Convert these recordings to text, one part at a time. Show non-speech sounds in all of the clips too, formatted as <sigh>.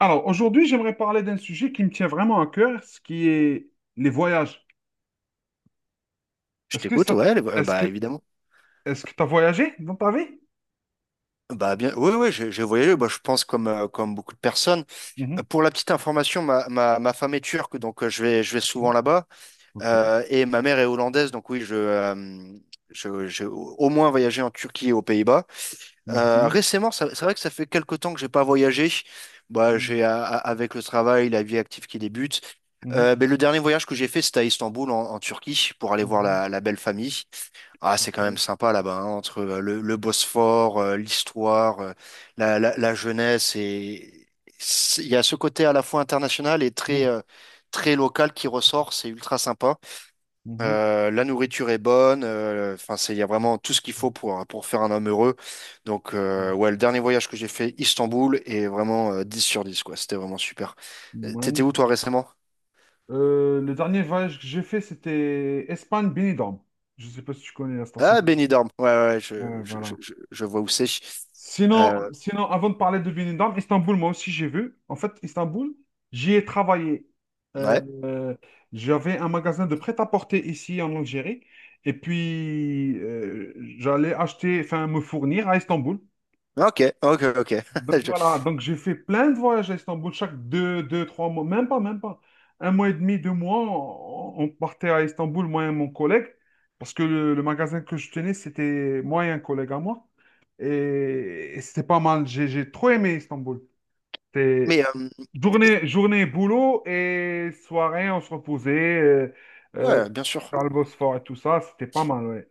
Alors, aujourd'hui, j'aimerais parler d'un sujet qui me tient vraiment à cœur, ce qui est les voyages. Je Est-ce que t'écoute, ça, ouais, est-ce que, bah évidemment. est-ce que tu as voyagé dans ta vie? Bah bien, oui, oui, j'ai voyagé. Bah, je pense comme beaucoup de personnes. Mhm, Pour la petite information, ma femme est turque, donc je vais souvent mhm, là-bas. ok. Et ma mère est hollandaise, donc oui, je j'ai au moins voyagé en Turquie et aux Pays-Bas. Mhm, Récemment, c'est vrai que ça fait quelque temps que j'ai pas voyagé. Bah mhm, avec le travail, la vie active qui débute. mhm, Mais le dernier voyage que j'ai fait, c'était à Istanbul en Turquie pour aller voir mhm, la belle famille. Ah, c'est quand même ok, sympa là-bas, hein, entre le Bosphore, l'histoire, la jeunesse. Et il y a ce côté à la fois international et très, mhm, euh, très local qui ressort. C'est ultra sympa. mhm, La nourriture est bonne. Enfin, il y a vraiment tout ce qu'il faut pour faire un homme heureux. Donc, ouais, le dernier voyage que j'ai fait, Istanbul, est vraiment 10 sur 10 quoi. C'était vraiment super. Mhm, T'étais où, toi, mhm. récemment? Le dernier voyage que j'ai fait, c'était Espagne-Benidorm. Je ne sais pas si tu connais la station. Ah, Benidorm. Ouais, ouais, ouais, je, Ouais, je, je, voilà. je je vois où c'est. Sinon, Euh, sinon, avant de parler de Benidorm, Istanbul, moi aussi j'ai vu. En fait, Istanbul, j'y ai travaillé. Euh, ouais. euh, J'avais un magasin de prêt-à-porter ici en Algérie. Et puis, j'allais acheter, enfin, me fournir à Istanbul. Ah, ok, ok, ok. Donc <laughs> Je- voilà, donc j'ai fait plein de voyages à Istanbul, chaque 3 mois, même pas. 1 mois et demi, 2 mois, on partait à Istanbul, moi et mon collègue, parce que le magasin que je tenais, c'était moi et un collègue à moi. Et c'était pas mal, j'ai trop aimé Istanbul. C'était Mais t- journée, journée, boulot et soirée, on se reposait euh, euh, ouais, bien sûr. dans le Bosphore et tout ça, c'était pas mal, ouais.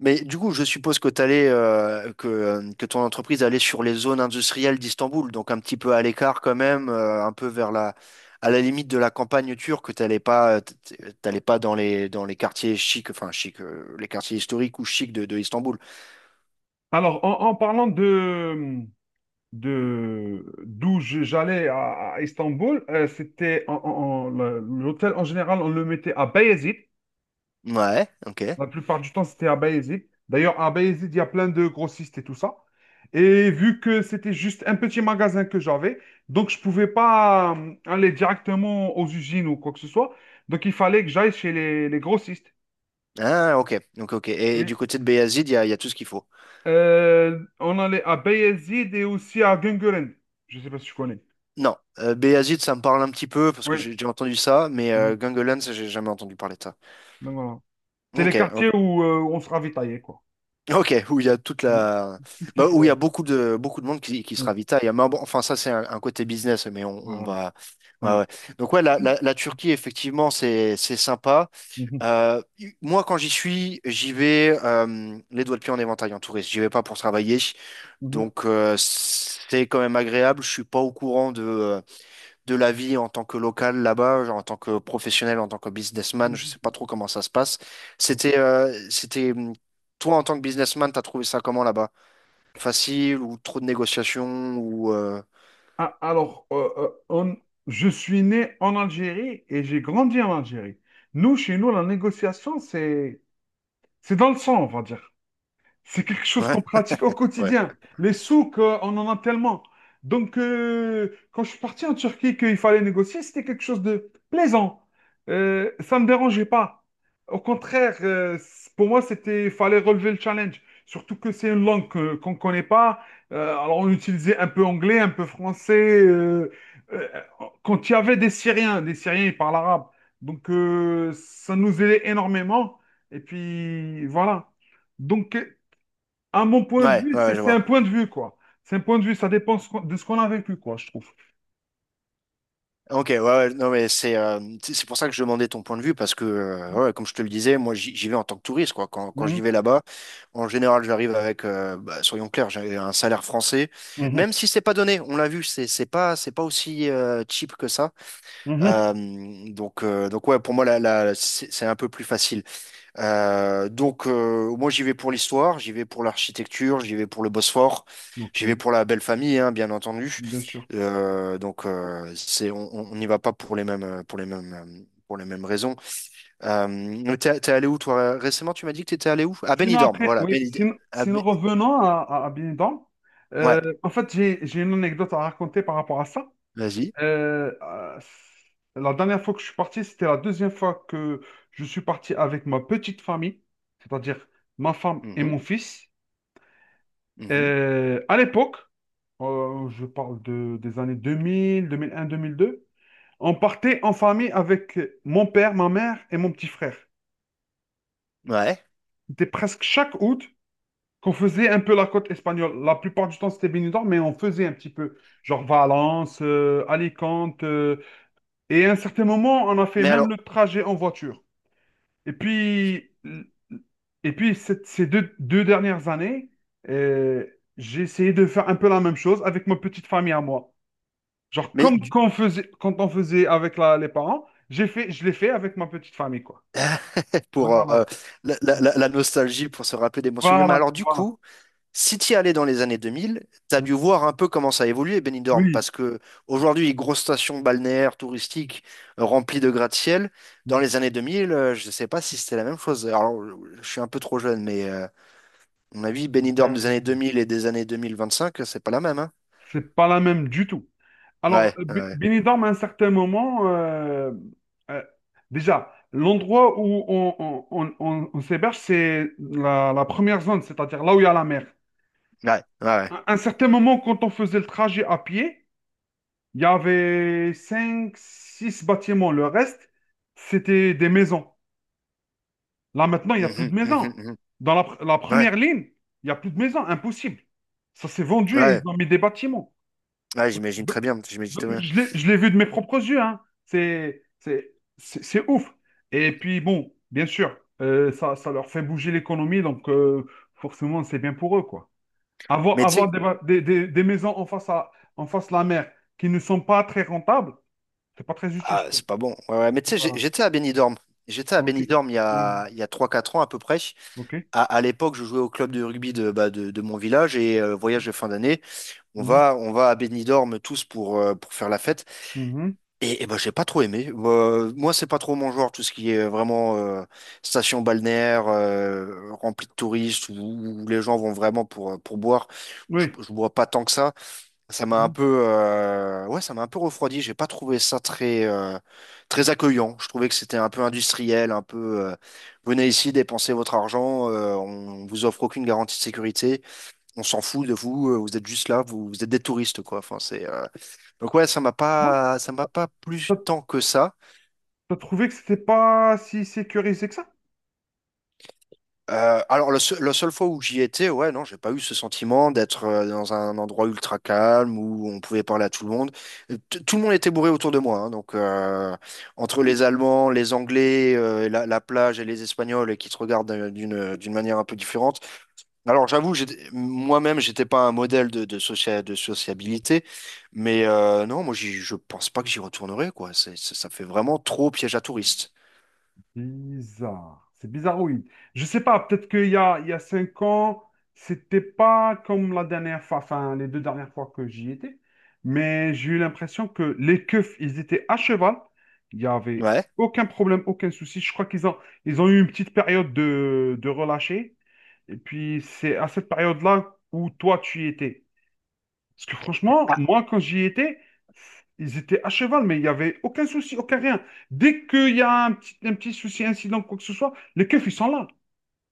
Mais du coup, je suppose que que ton entreprise allait sur les zones industrielles d'Istanbul, donc un petit peu à l'écart quand même, un peu à la limite de la campagne turque. T'allais pas, dans les quartiers chics, enfin chics, les quartiers historiques ou chics de Istanbul. Alors, en parlant de d'où je- j'allais à Istanbul, c'était l'hôtel en général, on le mettait à Bayezid. Ouais, ok. La plupart du temps, c'était à Bayezid. D'ailleurs, à Bayezid, il y a plein de grossistes et tout ça. Et vu que c'était juste un petit magasin que j'avais, donc je pouvais pas aller directement aux usines ou quoi que ce soit. Donc il fallait que j'aille chez les grossistes. Ah, ok, donc ok. Et du Et, côté de Beyazid, il y a tout ce qu'il faut. On allait à Bayezid et aussi à Güngören. Je sais pas si tu connais. Non, Beyazid, ça me parle un petit peu parce que Oui. j'ai entendu ça, mais Mhm. Göngölen, ça, j'ai jamais entendu parler de ça. Donc, voilà. C'est Ok, les ok, quartiers où on se ravitaillait, quoi. ok, où il y a Mm. Tout ce qu'il bah, faut. où il y a Ouais. beaucoup de monde qui se Oui, ravitaille. Mais bon, enfin ça c'est un côté business, mais on voilà. va, ouais, Ouais. ouais. Donc ouais, la Turquie effectivement c'est sympa. Mhm, Euh, Moi quand j'y suis, j'y vais les doigts de pied en éventail en touriste. J'y vais pas pour travailler, mhm, donc c'est quand même agréable. Je suis pas au courant de la vie en tant que local là-bas, genre en tant que professionnel, en tant que businessman, je sais pas mhm. trop comment ça se passe. Ok. C'était, euh, c'était, hum, Toi en tant que businessman, t'as trouvé ça comment là-bas? Facile ou trop de négociations ou Ah, alors, je suis né en Algérie et j'ai grandi en Algérie. Nous, chez nous, la négociation, c'est dans le sang, on va dire. C'est quelque chose ouais, qu'on pratique au quotidien. Les souks, on en a tellement. Donc, quand je suis parti en Turquie, qu'il fallait négocier, c'était quelque chose de plaisant. Ça ne me dérangeait pas. Au contraire, pour moi, c'était, il fallait relever le challenge. Surtout que c'est une langue qu'on ne connaît pas. Alors, on utilisait un peu anglais, un peu français. Euh, Quand il y avait des Syriens, ils parlent arabe. Donc, ça nous aidait énormément. Et puis, voilà. Donc, à mon point de ouais, vue, ouais, c'est ouais, je c'est un vois. point de vue, quoi. C'est un point de vue, ça dépend de ce qu'on a vécu, quoi, je trouve. Ok, ouais, ouais, non mais c'est pour ça que je demandais ton point de vue parce que ouais, comme je te le disais, moi j'y vais en tant que touriste quoi. Quand Mhm, j'y vais là-bas, en général j'arrive avec, bah, soyons clairs, j'ai un salaire français, mhm, même si c'est pas donné. On l'a vu, c'est pas aussi cheap que ça. mhm. Euh, donc ouais, pour moi, c'est un peu plus facile. Moi, j'y vais pour l'histoire, j'y vais pour l'architecture, j'y vais pour le Bosphore, Ok, j'y vais pour la belle famille, hein, bien entendu. bien sûr. C'est, on n'y va pas pour les mêmes, pour les mêmes, pour les mêmes raisons. T'es allé où, toi, récemment? Tu m'as dit que t'étais allé où? À Sinon, Benidorm, après, voilà. oui, sinon, à sinon Be- revenons à Benidorm. Ouais, En fait, j'ai une anecdote à raconter par rapport à ça. vas-y. Euh, euh, la dernière fois que je suis parti, c'était la deuxième fois que je suis parti avec ma petite famille, c'est-à-dire ma femme et Mhm, mon fils. mhm. À l'époque, je parle des années 2000, 2001, 2002. On partait en famille avec mon père, ma mère et mon petit frère. Ouais. C'était presque chaque août qu'on faisait un peu la côte espagnole. La plupart du temps, c'était Benidorm, mais on faisait un petit peu. Genre Valence, Alicante. Et à un certain moment, on a fait Mais même alors, le trajet en voiture. Et puis, et puis, ces 2 dernières années, euh, j'ai essayé de faire un peu la même chose avec ma petite famille à moi. Genre mais comme du, quand on faisait avec les parents, je l'ai fait avec ma petite famille, quoi. Voilà. pour euh, la, Mm. la- la- nostalgie, pour se rappeler des bons souvenirs. Mais Voilà, alors, du voilà. coup, si tu y allais dans les années 2000, tu as Mm. dû voir un peu comment ça a évolué, Benidorm, Oui, parce que aujourd'hui, grosse station balnéaire touristique remplie de gratte-ciel. Dans mm. les années 2000, je ne sais pas si c'était la même chose. Alors, je suis un peu trop jeune, mais à mon avis, Benidorm Ben, des années 2000 et des années 2025 c'est pas la même, hein? c'est pas la même du tout. Alors, Ouais, ouais, Benidorm, à un certain moment, euh, déjà, l'endroit où on s'héberge, c'est la première zone, c'est-à-dire là où il y a la mer. ouais, ouais. Ouais, À un certain moment, quand on faisait le trajet à pied, il y avait 5 6 bâtiments. Le reste, c'était des maisons. Là, maintenant, il n'y a plus mhm, de maison. mhm, mhm. Dans la Ouais, première ligne, il n'y a plus de maison. Impossible. Ça s'est vendu et ouais, ils ont mis des bâtiments. ouais, Donc, j'imagine très bien, j'imagine très bien. je l'ai vu de mes propres yeux, hein. C'est ouf. Et puis, bon, bien sûr, ça leur fait bouger l'économie. Donc, forcément, c'est bien pour eux, quoi. Avoir, Mais tu avoir sais, des, ba- des maisons en face de la mer qui ne sont pas très rentables, c'est pas très utile, ah, je trouve. c'est pas bon. Ouais, ouais. Mais tu sais, Voilà. j'étais à Benidorm. J'étais à Ok. Benidorm il y Oh, a, il y a 3 4 ans à peu près. ok. À l'époque, je jouais au club de rugby bah, de mon village et Ok. voyage de fin d'année. On Mhm. va, on va à Benidorm tous pour faire la fête. Mhm. Et bah, j'ai pas trop aimé. Moi, c'est pas trop mon genre, tout ce qui est vraiment station balnéaire, remplie de touristes, où les gens vont vraiment pour boire. Je, Oui. je bois pas tant que ça. Mhm. Ouais, ça m'a un peu refroidi. J'ai pas trouvé ça très accueillant. Je trouvais que c'était un peu industriel, un peu, venez ici, dépensez votre argent, on vous offre aucune garantie de sécurité, on s'en fout de vous, vous êtes juste là, vous êtes des touristes, quoi. Enfin, donc ouais, ça m'a Bon. pas, ça m'a pas plu T'as tant que ça. t'as trouvé que c'était pas si sécurisé que ça? Alors, la seule fois où j'y étais, ouais, non, j'ai pas eu ce sentiment d'être dans un endroit ultra calme où on pouvait parler à tout le monde. Tout le monde était bourré autour de moi, hein, donc entre les Allemands, les Anglais, la plage et les Espagnols qui te regardent d'une manière un peu différente. Alors, j'avoue, moi-même, j'étais pas un modèle de sociabilité, mais non, moi, je pense pas que j'y retournerai, quoi. Ça fait vraiment trop piège à touristes. Bizarre. C'est bizarre, oui. Je sais pas, peut-être il y a 5 ans, c'était pas comme la dernière fois, enfin, les 2 dernières fois que j'y étais. Mais j'ai eu l'impression que les keufs, ils étaient à cheval. Il y avait Ouais. aucun problème, aucun souci. Je crois ils ont eu une petite période de relâcher. Et puis, c'est à cette période-là où toi, tu y étais. Parce que franchement, Ah, moi, quand j'y étais, ils étaient à cheval, mais il n'y avait aucun souci, aucun rien. Dès qu'il y a un petit souci, incident, quoi que ce soit, les keufs, ils sont là.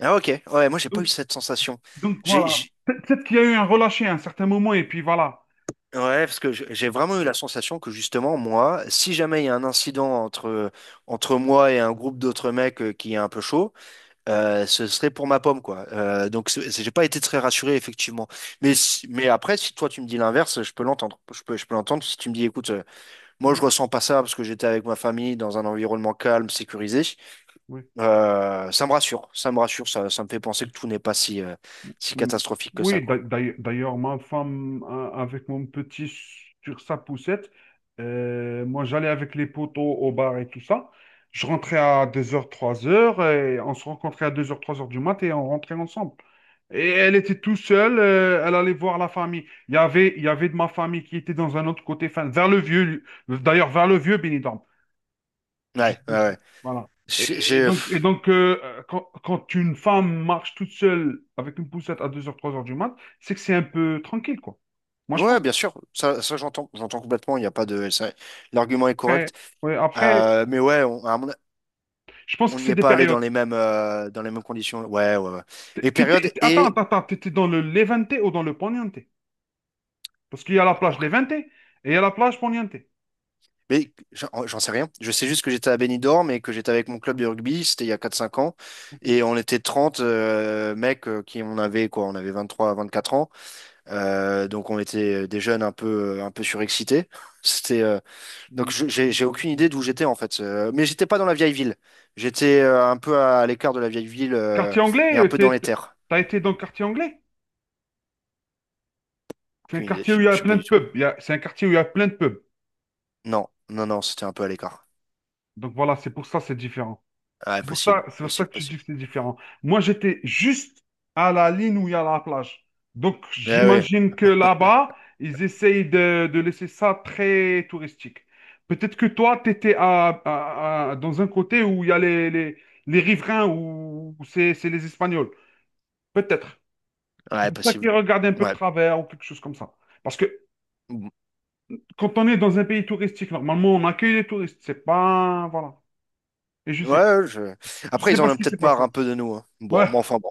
ah, ok. Ouais, moi, j'ai pas Donc, eu cette sensation. donc, J'ai voilà. Peut-être qu'il y a eu un relâché à un certain moment, et puis voilà. Ouais, parce que j'ai vraiment eu la sensation que justement, moi, si jamais il y a un incident entre moi et un groupe d'autres mecs qui est un peu chaud, ce serait pour ma pomme, quoi. Donc, j'ai pas été très rassuré, effectivement. Mais après, si toi, tu me dis l'inverse, je peux l'entendre. Je peux l'entendre si tu me dis, écoute, moi, je Mm. ressens pas ça parce que j'étais avec ma famille dans un environnement calme, sécurisé. Oui. Ça me rassure, ça me rassure, ça me fait penser que tout n'est pas si Mm. catastrophique que ça, Oui, d'a- quoi. d'ailleurs, d'ailleurs, ma femme, avec mon petit sur sa poussette, moi j'allais avec les poteaux au bar et tout ça. Je rentrais à 2 heures, 3 heures et on se rencontrait à 2 heures, 3 heures du mat et on rentrait ensemble. Et elle était tout seule, elle allait voir la famille. Il y avait de ma famille qui était dans un autre côté, enfin, vers le vieux, d'ailleurs, vers le vieux Benidorm. Je Ouais, ouais, te suis. ouais. Voilà. J'ai, j'ai- Et donc quand une femme marche toute seule avec une poussette à 2 heures, 3 heures du mat, c'est que c'est un peu tranquille, quoi. Moi, je Ouais, pense bien sûr, ça j'entends, j'entends complètement. Il y a pas de, ça- L'argument est après, correct. ouais, après Mais ouais, on, à mon- je pense que on n'y c'est est des pas allé dans périodes. les mêmes, euh, dans les mêmes conditions. Ouais, ouais, ouais. Les périodes et, Attends, t'étais dans le Levante ou dans le Poniente? Parce qu'il y a la plage Levante et il y a la plage Poniente. mais j'en sais rien. Je sais juste que j'étais à Benidorm et que j'étais avec mon club de rugby. C'était il y a 4 5 ans Ok. et on était 30 mecs qui on avait quoi, on avait 23 24 ans. Donc on était des jeunes un peu surexcités. <laughs> C'était, euh, Donc j'ai Mm, aucune ok. idée d'où j'étais en fait. Mais j'étais pas dans la vieille ville. J'étais un peu à l'écart de la vieille ville Quartier et anglais, un peu dans les terres. t'as été dans le quartier anglais? C'est un Aucune idée. quartier où il y a Je sais plein pas de du tout. pubs. C'est un quartier où il y a plein de pubs. Non, non, non, c'était un peu à l'écart. Donc voilà, c'est pour ça c'est différent. Ouais, C'est pour ça, possible, c'est pour ça que possible, tu dis possible. que c'est différent. Moi, j'étais juste à la ligne où il y a la plage. Donc, Mais ah ouais, j'imagine que là-bas, ils essayent de laisser ça très touristique. Peut-être que toi, tu étais dans un côté où il y a les riverains, où c'est les Espagnols. Peut-être. C'est ouais, pour ça possible. qu'ils regardent un peu de Ouais. travers ou quelque chose comme ça. Parce que Mm. quand on est dans un pays touristique, normalement, on accueille les touristes. C'est pas. Voilà. Et Ouais, je... je Après, sais ils en pas ont ce qui s'est peut-être marre passé. un peu de nous, hein. Ouais. Bon, mais enfin bon,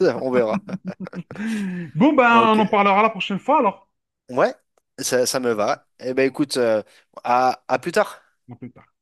<laughs> on verra. Bon, ben, on Ok. en parlera la prochaine fois alors. Ouais, ça me Ok. va. Eh ben écoute, à plus tard. À plus tard.